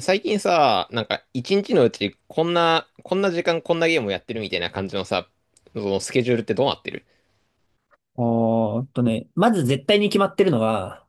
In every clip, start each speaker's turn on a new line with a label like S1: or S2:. S1: 最近さ、なんか一日のうちこんな、こんな時間こんなゲームをやってるみたいな感じのさ、そのスケジュールってどうなってる？
S2: おーっとね、まず絶対に決まってるのは、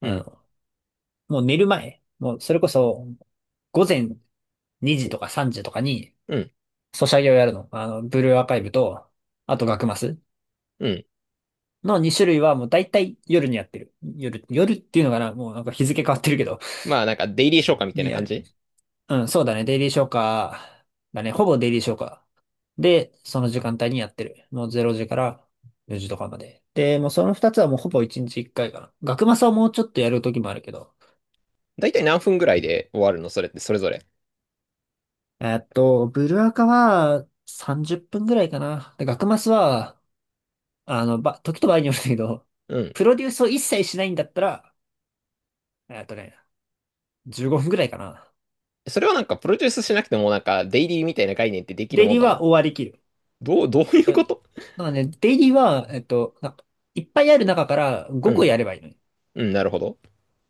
S1: う
S2: あ
S1: ん、
S2: の、もう寝る前、もうそれこそ午前2時とか3時とかに、
S1: うん、
S2: ソシャゲをやるの。あの、ブルーアーカイブと、あと学マス
S1: うん。
S2: の2種類はもう大体夜にやってる。夜っていうのかな。もうなんか日付変わってるけど、
S1: まあなんかデイリー消化みたい
S2: に
S1: な
S2: や
S1: 感
S2: る。
S1: じ。
S2: うん、そうだね。デイリー消化だね。ほぼデイリー消化。で、その時間帯にやってる。もう0時から4時とかまで。で、もうその2つはもうほぼ1日1回かいかな。学マスはもうちょっとやる時もあるけど、
S1: だいたい何分ぐらいで終わるの、それってそれぞれ？
S2: ブルアカは30分ぐらいかな。で、学マスは、時と場合によるんだけど、
S1: うん。
S2: プロデュースを一切しないんだったら、えっとね、15分ぐらいかな。
S1: それはなんかプロデュースしなくてもなんかデイリーみたいな概念ってできる
S2: デイ
S1: も
S2: リ
S1: ん
S2: ー
S1: なの？
S2: は終わりきる。
S1: どう、どうい
S2: と、
S1: うこと
S2: なんかね、デイリーは、いっぱいある中から
S1: う
S2: 5個
S1: ん、
S2: やればいいのに。
S1: うん、なるほど。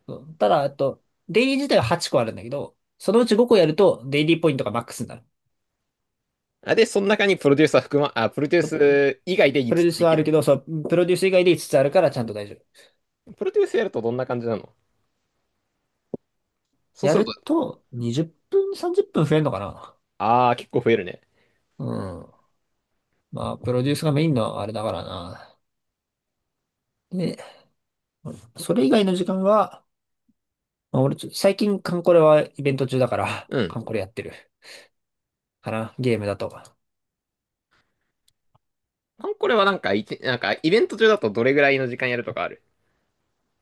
S2: そう。ただ、えっと、デイリー自体は8個あるんだけど、そのうち5個やると、デイリーポイントがマックスになる。
S1: あ、で、その中にプロデュース以外で
S2: プロ
S1: 5つ
S2: デュー
S1: つ
S2: ス
S1: で
S2: は
S1: き
S2: あ
S1: る
S2: る
S1: と。
S2: けど、そう、プロデュース以外で5つあるからちゃんと大丈夫。
S1: プロデュースやるとどんな感じなの？そう
S2: や
S1: する
S2: る
S1: と、
S2: と、20分、30分増えるのかな。
S1: あー、結構増えるね。
S2: うん。まあ、プロデュースがメインのあれだからな。で、それ以外の時間は、まあ、俺ちょ、最近、カンコレはイベント中だから、
S1: うん。
S2: カンコレやってる。かな、ゲームだと。
S1: あんこれはなんか、なんか、イベント中だとどれぐらいの時間やるとかある？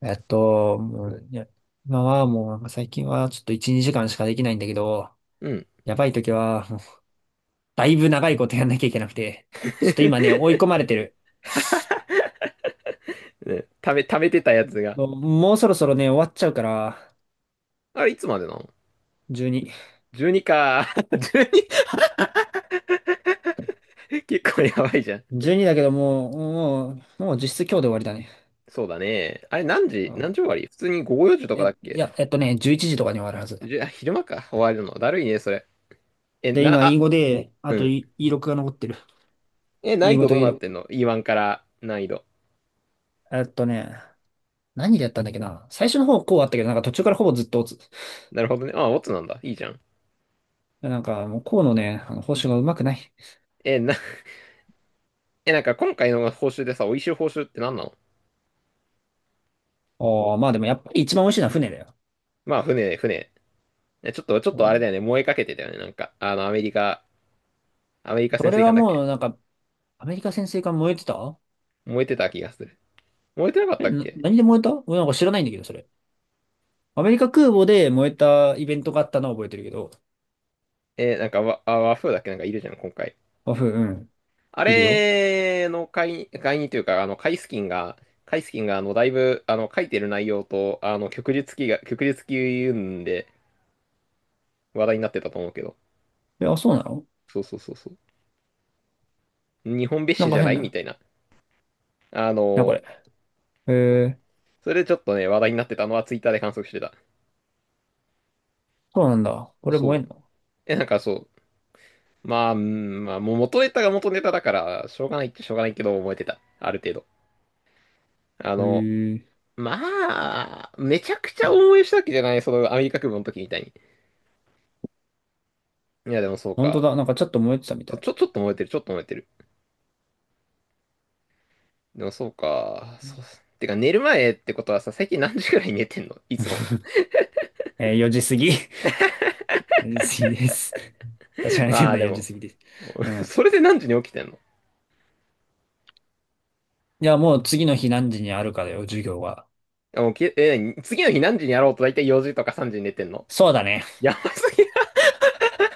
S2: えっと、もう、いや、今はもう、なんか最近はちょっと1、2時間しかできないんだけど、
S1: うん。
S2: やばい時は、もうだいぶ長いことやんなきゃいけなくて、ちょっ と今ね、追い込まれてる。
S1: ね、食べてたやつが。
S2: もうそろそろね、終わっちゃうから、
S1: あれ、いつまでなの？
S2: 12。
S1: 12 か。12？ 結構やばいじゃん。
S2: 12だけど、もう実質今日で終わりだね。
S1: そうだね。あれ、何
S2: う
S1: 時何
S2: ん。
S1: 時終わり、普通に午後4時とかだっけ？
S2: 11時とかに終わるはず。
S1: じゅあ、昼間か。終わるの。だるいね、それ。え、
S2: で、
S1: な、
S2: 今、
S1: あ、
S2: E5 で、あ
S1: う
S2: と
S1: ん。
S2: E6 が残ってる。
S1: え、難易
S2: E5
S1: 度
S2: と
S1: どうなって
S2: E6。
S1: んの？ E1 から難易度。
S2: えっとね、何でやったんだっけな。最初の方、こうあったけど、なんか途中からほぼずっと落つ。
S1: なるほどね。あ、オッツなんだ。いいじゃん。
S2: なんか、もうこうのね、あの報酬がうまくない。
S1: え、な、え、なんか今回の報酬でさ、美味しい報酬って何なの？
S2: おー、まあでもやっぱり一番美味しいのは船だよ。
S1: まあ、船、船。えちょっと、ちょっとあれだよね。燃えかけてたよね。なんか、アメリカ
S2: そ
S1: 潜
S2: れ
S1: 水
S2: は
S1: 艦だっ
S2: も
S1: け？
S2: う、なんか、アメリカ潜水艦燃えてた。
S1: 燃えてた気がする。燃えてなかったっけ？
S2: 何で燃えた、俺なんか知らないんだけど、それ。アメリカ空母で燃えたイベントがあったのは覚えてるけど。
S1: なんか、和風だっけ、なんかいるじゃん、今回。
S2: あ、ふうん。
S1: あ
S2: いるよ。
S1: れの会員というか、カイスキンが、だいぶ、書いてる内容と、旭日記、うん、で話題になってたと思うけど。
S2: え、あ、そうなの。
S1: そうそうそうそう。日本別
S2: なん
S1: 紙
S2: か
S1: じゃな
S2: 変
S1: いみ
S2: な。
S1: たいな。あ
S2: な、これ。
S1: の、
S2: へえ、
S1: それでちょっとね、話題になってたのはツイッターで観測してた。
S2: そうなんだ。これ燃え
S1: そ
S2: ん
S1: う。
S2: の。
S1: え、なんかそう。まあ、うん、まあ、もう元ネタが元ネタだから、しょうがないっちゃしょうがないけど、覚えてた。ある程度。あ
S2: へ
S1: の、
S2: え。
S1: まあ、めちゃくちゃ応援したわけじゃない、そのアメリカ空母の時みたいに。いや、でもそう
S2: 本当
S1: か。
S2: だ。なんかちょっと燃えてたみたい。
S1: ちょっと燃えてる、ちょっと燃えてる。でもそうか。そう、てか寝る前ってことはさ、最近何時ぐらいに寝てんのいつも？
S2: えー4時過ぎ。4時過ぎです。確かに店
S1: まあ
S2: 内
S1: で
S2: 4時
S1: も、
S2: 過ぎです。う ん。
S1: それで何時に起きてんの？
S2: じゃあもう次の日何時にあるかだよ、授業は。
S1: あもうきえ、次の日、何時にやろうと大体4時とか3時に寝てんの？
S2: そうだね。
S1: やばすぎ。ちょ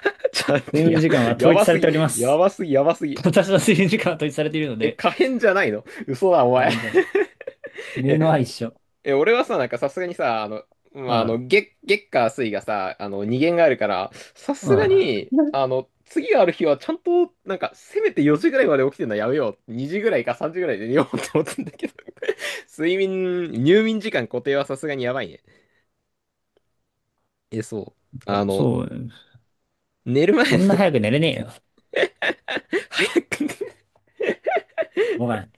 S1: っと待っ
S2: 睡
S1: て、
S2: 眠
S1: や、
S2: 時間は
S1: や
S2: 統一
S1: ば
S2: さ
S1: す
S2: れ
S1: ぎ。
S2: ておりま
S1: や
S2: す。
S1: ばすぎ、やばすぎ。
S2: 私の睡眠時間は統一されているの
S1: え、
S2: で、
S1: 可変じゃないの？嘘だ、お
S2: あ
S1: 前。
S2: れ んじゃない。寝
S1: え
S2: るのは一緒。
S1: え、俺はさ、なんかさすがにさ、
S2: う
S1: まあ、
S2: ん。
S1: 月火水がさ、二限があるから、さ
S2: う
S1: すが
S2: ん。
S1: に、次がある日はちゃんと、なんか、せめて4時ぐらいまで起きてるのはやめよう。2時ぐらいか3時ぐらいで寝ようって思ったんだけど。入眠時間固定はさすがにやばいね。え、そう。
S2: そう。
S1: 寝る前、
S2: そんな 早く寝れねえよ。
S1: 早く寝る。
S2: ごめん。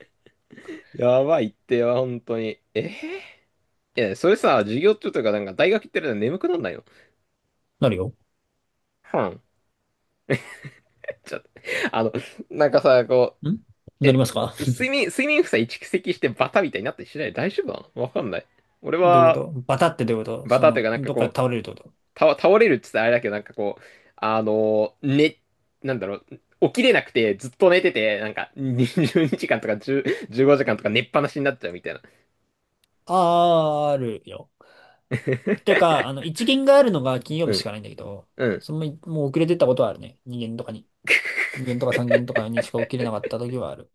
S1: やばいってよ本当に。いや、それさ、授業中とか、なんか、大学行ってるの眠くなんないの？
S2: なるよ。
S1: はん。ちょっと、あの、なんかさ、こ
S2: ん、
S1: う、
S2: なり
S1: え、
S2: ますか。
S1: 睡眠負債蓄積してバタみたいになったりしない？大丈夫なの？わかんない。俺
S2: どういうこ
S1: は、
S2: と。バタってどういうこと。
S1: バ
S2: そ
S1: タという
S2: の、
S1: かなんか
S2: どっかで
S1: こう、
S2: 倒れるってこと。
S1: 倒れるって言ったらあれだけど、なんかこう、ね、なんだろう、起きれなくてずっと寝てて、なんか20時間とか10、 15時間とか寝っぱなしになっちゃうみたいな。
S2: あーるよ。ていうか、あの、一限があるのが金曜
S1: う
S2: 日し
S1: ん、
S2: かないんだけど、
S1: うん。
S2: その、もう遅れてったことはあるね。二限とかに。二限とか三限とかにしか起きれなかった時はある。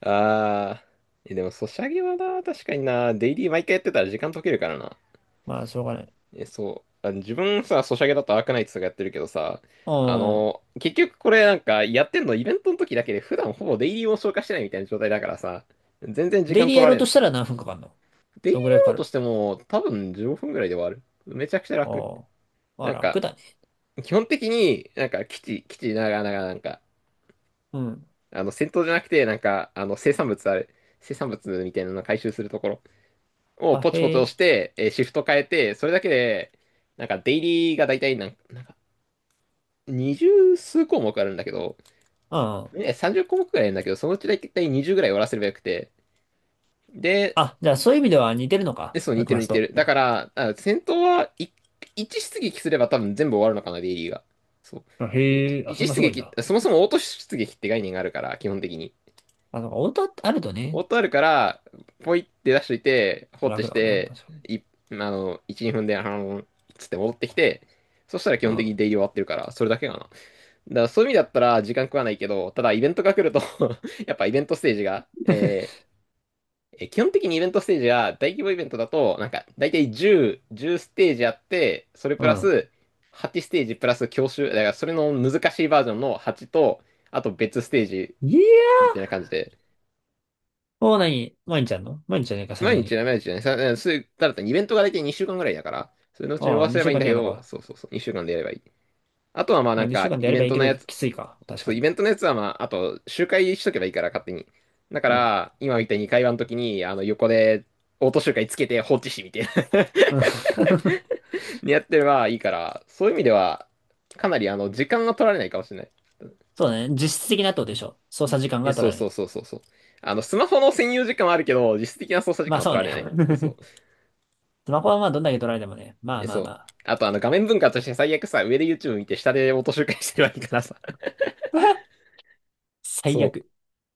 S1: あー。でも、ソシャゲはな、確かにな、デイリー毎回やってたら時間解けるからな。
S2: まあ、しょうがない。
S1: え、そう。自分さ、ソシャゲだとアークナイツとかやってるけどさ、
S2: うん。
S1: 結局これなんかやってんのイベントの時だけで普段ほぼデイリーを消化してないみたいな状態だからさ、全然時
S2: デイ
S1: 間
S2: リー
S1: 取
S2: や
S1: ら
S2: ろう
S1: れな
S2: とし
S1: く
S2: た
S1: て。
S2: ら何分かかんの。
S1: デイリ
S2: ど
S1: ー
S2: ん
S1: や
S2: ぐらいか
S1: ろ
S2: か
S1: うと
S2: る。
S1: しても多分15分ぐらいで終わる。めちゃくちゃ
S2: あ
S1: 楽。
S2: あ。まあ、
S1: なん
S2: 楽
S1: か、
S2: だね。
S1: 基本的になんか基地ながらなんか、
S2: うん。
S1: あの戦闘じゃなくてなんか、あの生産物ある。生産物みたいなの回収するところを
S2: あ、
S1: ポチポ
S2: へ
S1: チ押
S2: え。
S1: して、シフト変えて、それだけで、なんかデイリーが大体なん20数項目あるんだけど、
S2: うん。
S1: ね、30項目くらいあるんだけど、そのうちだいたい20ぐらい終わらせればよくて。で、
S2: あ、じゃあそういう意味では似てるのか。
S1: そう、
S2: マ
S1: 似
S2: ク
S1: てる
S2: マス
S1: 似て
S2: と。
S1: る。だから、戦闘は1、一出撃すれば多分全部終わるのかな、デイリーが。そう。
S2: あ、
S1: い
S2: へえ。あ、そ
S1: 一
S2: んな
S1: 出
S2: すごいん
S1: 撃っ
S2: だ。
S1: て、そもそもオート出撃って概念があるから、基本的に。
S2: あの、なんかオートあると
S1: オー
S2: ね、
S1: トあるから、ポイって出しといて、放って
S2: 楽
S1: し
S2: だわな。
S1: て、
S2: 確かに。
S1: い、あの、1、2分で、つって戻ってきて、そしたら基
S2: う
S1: 本的
S2: ん。
S1: にデイリー終わってるから、それだけかな。だからそういう意味だったら時間食わないけど、ただイベントが来ると やっぱイベントステージが、えーえー基本的にイベントステージが大規模イベントだと、なんか大体10ステージあって、それ
S2: う
S1: プラ
S2: ん。
S1: ス8ステージプラス教習、だからそれの難しいバージョンの8と、あと別ステージ
S2: いやー。
S1: みたいな感じで、
S2: もう何、毎日やんの。毎日じゃねえか、さす
S1: 毎
S2: が
S1: 日
S2: に。
S1: ね、毎日ね、さそういうただイベントが大体2週間ぐらいだから、それのうちに終
S2: あ
S1: わ
S2: あ、
S1: らせれ
S2: 2
S1: ば
S2: 週
S1: いいん
S2: 間
S1: だ
S2: に
S1: け
S2: やるの
S1: ど、
S2: か。
S1: そうそうそう、2週間でやればいい。あとはまあ
S2: ま
S1: な
S2: あ、
S1: ん
S2: 2週
S1: か
S2: 間でやればいいけど、きついか。確か
S1: イ
S2: に。
S1: ベントのやつは、まあ、あと、周回しとけばいいから、勝手に。だか
S2: うん。
S1: ら、今みたいに会話の時に、横で、オート周回つけて放置しみたいな
S2: うん。
S1: にやってればいいから、そういう意味では、かなり、時間が取られないかもしれない。
S2: そうね。実質的なってことでしょ。操作時間
S1: え、
S2: が取
S1: そ
S2: ら
S1: う
S2: れな
S1: そう
S2: い。
S1: そうそうそう。スマホの専用時間はあるけど、実質的な操作時
S2: ま
S1: 間
S2: あ
S1: は
S2: そ
S1: 取
S2: う
S1: られ
S2: ね。
S1: ない。そう。
S2: スマホはまあどんだけ取られてもね。まあ
S1: え、
S2: まあ
S1: そ
S2: ま
S1: う。
S2: あ。
S1: あと、画面分割として最悪さ、上で YouTube 見て、下でオート周回してればいいからさ。
S2: 最
S1: そ
S2: 悪。
S1: う。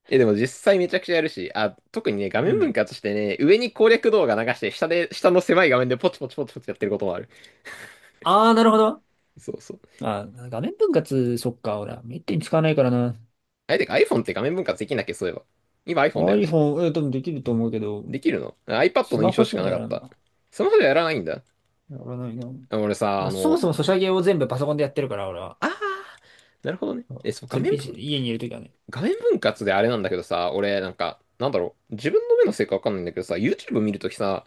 S1: え、でも実際めちゃくちゃやるし、特にね、画
S2: う
S1: 面分
S2: ん。
S1: 割してね、上に攻略動画流して、下の狭い画面でポチポチポチポチやってることもある。
S2: ああ、なるほど。
S1: そうそう。
S2: まあ、画面分割、そっか、俺は。めったに使わないからな。
S1: あれ、てか iPhone って画面分割できんだっけ、そういえば。今 iPhone だよね。
S2: iPhone、え、多分できると思うけど、
S1: できるの？ iPad
S2: ス
S1: の印
S2: マ
S1: 象
S2: ホ
S1: し
S2: じ
S1: か
S2: ゃ
S1: な
S2: や
S1: かっ
S2: らん
S1: た。
S2: な。
S1: スマホではやらないんだ。
S2: やらないな。
S1: あ俺さ、
S2: ま
S1: あ
S2: あ、そも
S1: の、
S2: そもソシャゲを全部パソコンでやってるから、俺は。
S1: あー、なるほどね。
S2: うん、
S1: え、そう、
S2: 全 PC、家にいるときはね。
S1: 画面分割であれなんだけどさ、俺、なんか、なんだろう、自分の目のせいかわかんないんだけどさ、YouTube 見るときさ、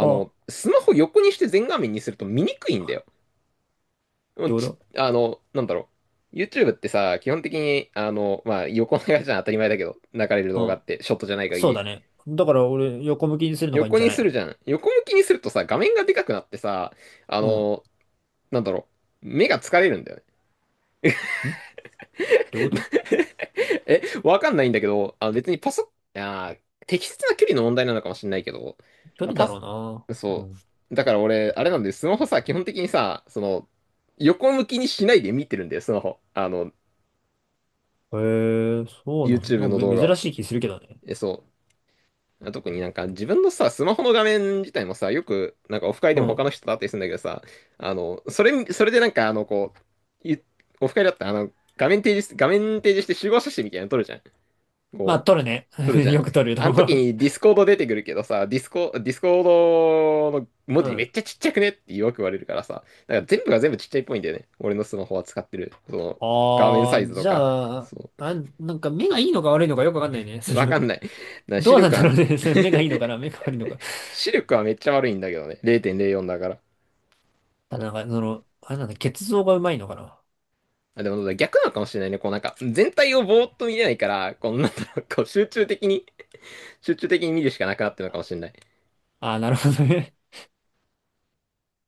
S2: ああ、っ
S1: スマホ横にして全画面にすると見にくいんだよ。もう
S2: てこ
S1: ち、
S2: と。
S1: あの、なんだろう。YouTube ってさ、基本的に、まあ、横長じゃん、当たり前だけど、流れる動画って、ショットじゃない限
S2: そうだ
S1: り。
S2: ね。だから俺、横向きにするのがいいん
S1: 横
S2: じゃ
S1: に
S2: ない
S1: するじ
S2: の。
S1: ゃん。横向きにするとさ、画面がでかくなってさ、あ
S2: うん。
S1: の、なんだろう。目が疲れるんだよね。
S2: ん、ってこと。
S1: わかんないんだけど、あの別にパソ、あー、適切な距離の問題なのかもしれないけど、
S2: 距
S1: あ
S2: 離だ
S1: パ
S2: ろ
S1: ス、
S2: うな。う
S1: そ
S2: ん。
S1: う。だから俺、あれなんで、スマホさ、基本的にさ、その、横向きにしないで見てるんだよ、スマホ。
S2: へえ、そうな
S1: YouTube
S2: の。
S1: の動
S2: め、
S1: 画
S2: 珍
S1: を。
S2: しい気するけどね。
S1: え、そう。特になんか自分のさ、スマホの画面自体もさ、よくなんかオフ会で
S2: う
S1: も他
S2: ん。
S1: の人と会ったりするんだけどさ、それでなんかこう、オフ会だったら画面提示して集合写真みたいなの撮るじゃん。
S2: まあ、
S1: こう、
S2: 取るね。
S1: 撮るじ ゃん。
S2: よく取ると
S1: あの
S2: 思
S1: 時
S2: う。
S1: にディスコード出てくるけどさ、ディスコードの文
S2: う
S1: 字め
S2: ん。
S1: っちゃちっちゃくねってよく言われるからさ、だから全部が全部ちっちゃいっぽいんだよね。俺のスマホは使ってる。その、画面サ
S2: あ
S1: イ
S2: あ、
S1: ズと
S2: じゃ
S1: か。
S2: あ、
S1: そ
S2: あ、なんか目がいいのか悪いのかよくわかんないね。
S1: う。
S2: そ
S1: わか
S2: の、
S1: んない。な
S2: ど
S1: 視
S2: うなん
S1: 力
S2: だ
S1: は
S2: ろうね。それ目がいい のかな、目が悪いのか。
S1: 視力はめっちゃ悪いんだけどね。0.04だから。
S2: ただなんか、その、あれなんだ、血像がうまいのかな。
S1: あ、でも逆なのかもしれないね。こうなんか、全体をぼーっと見れないから、こうなんだろう、こう集中的に見るしかなくなってるのかもしれない。
S2: ああー、なるほどね。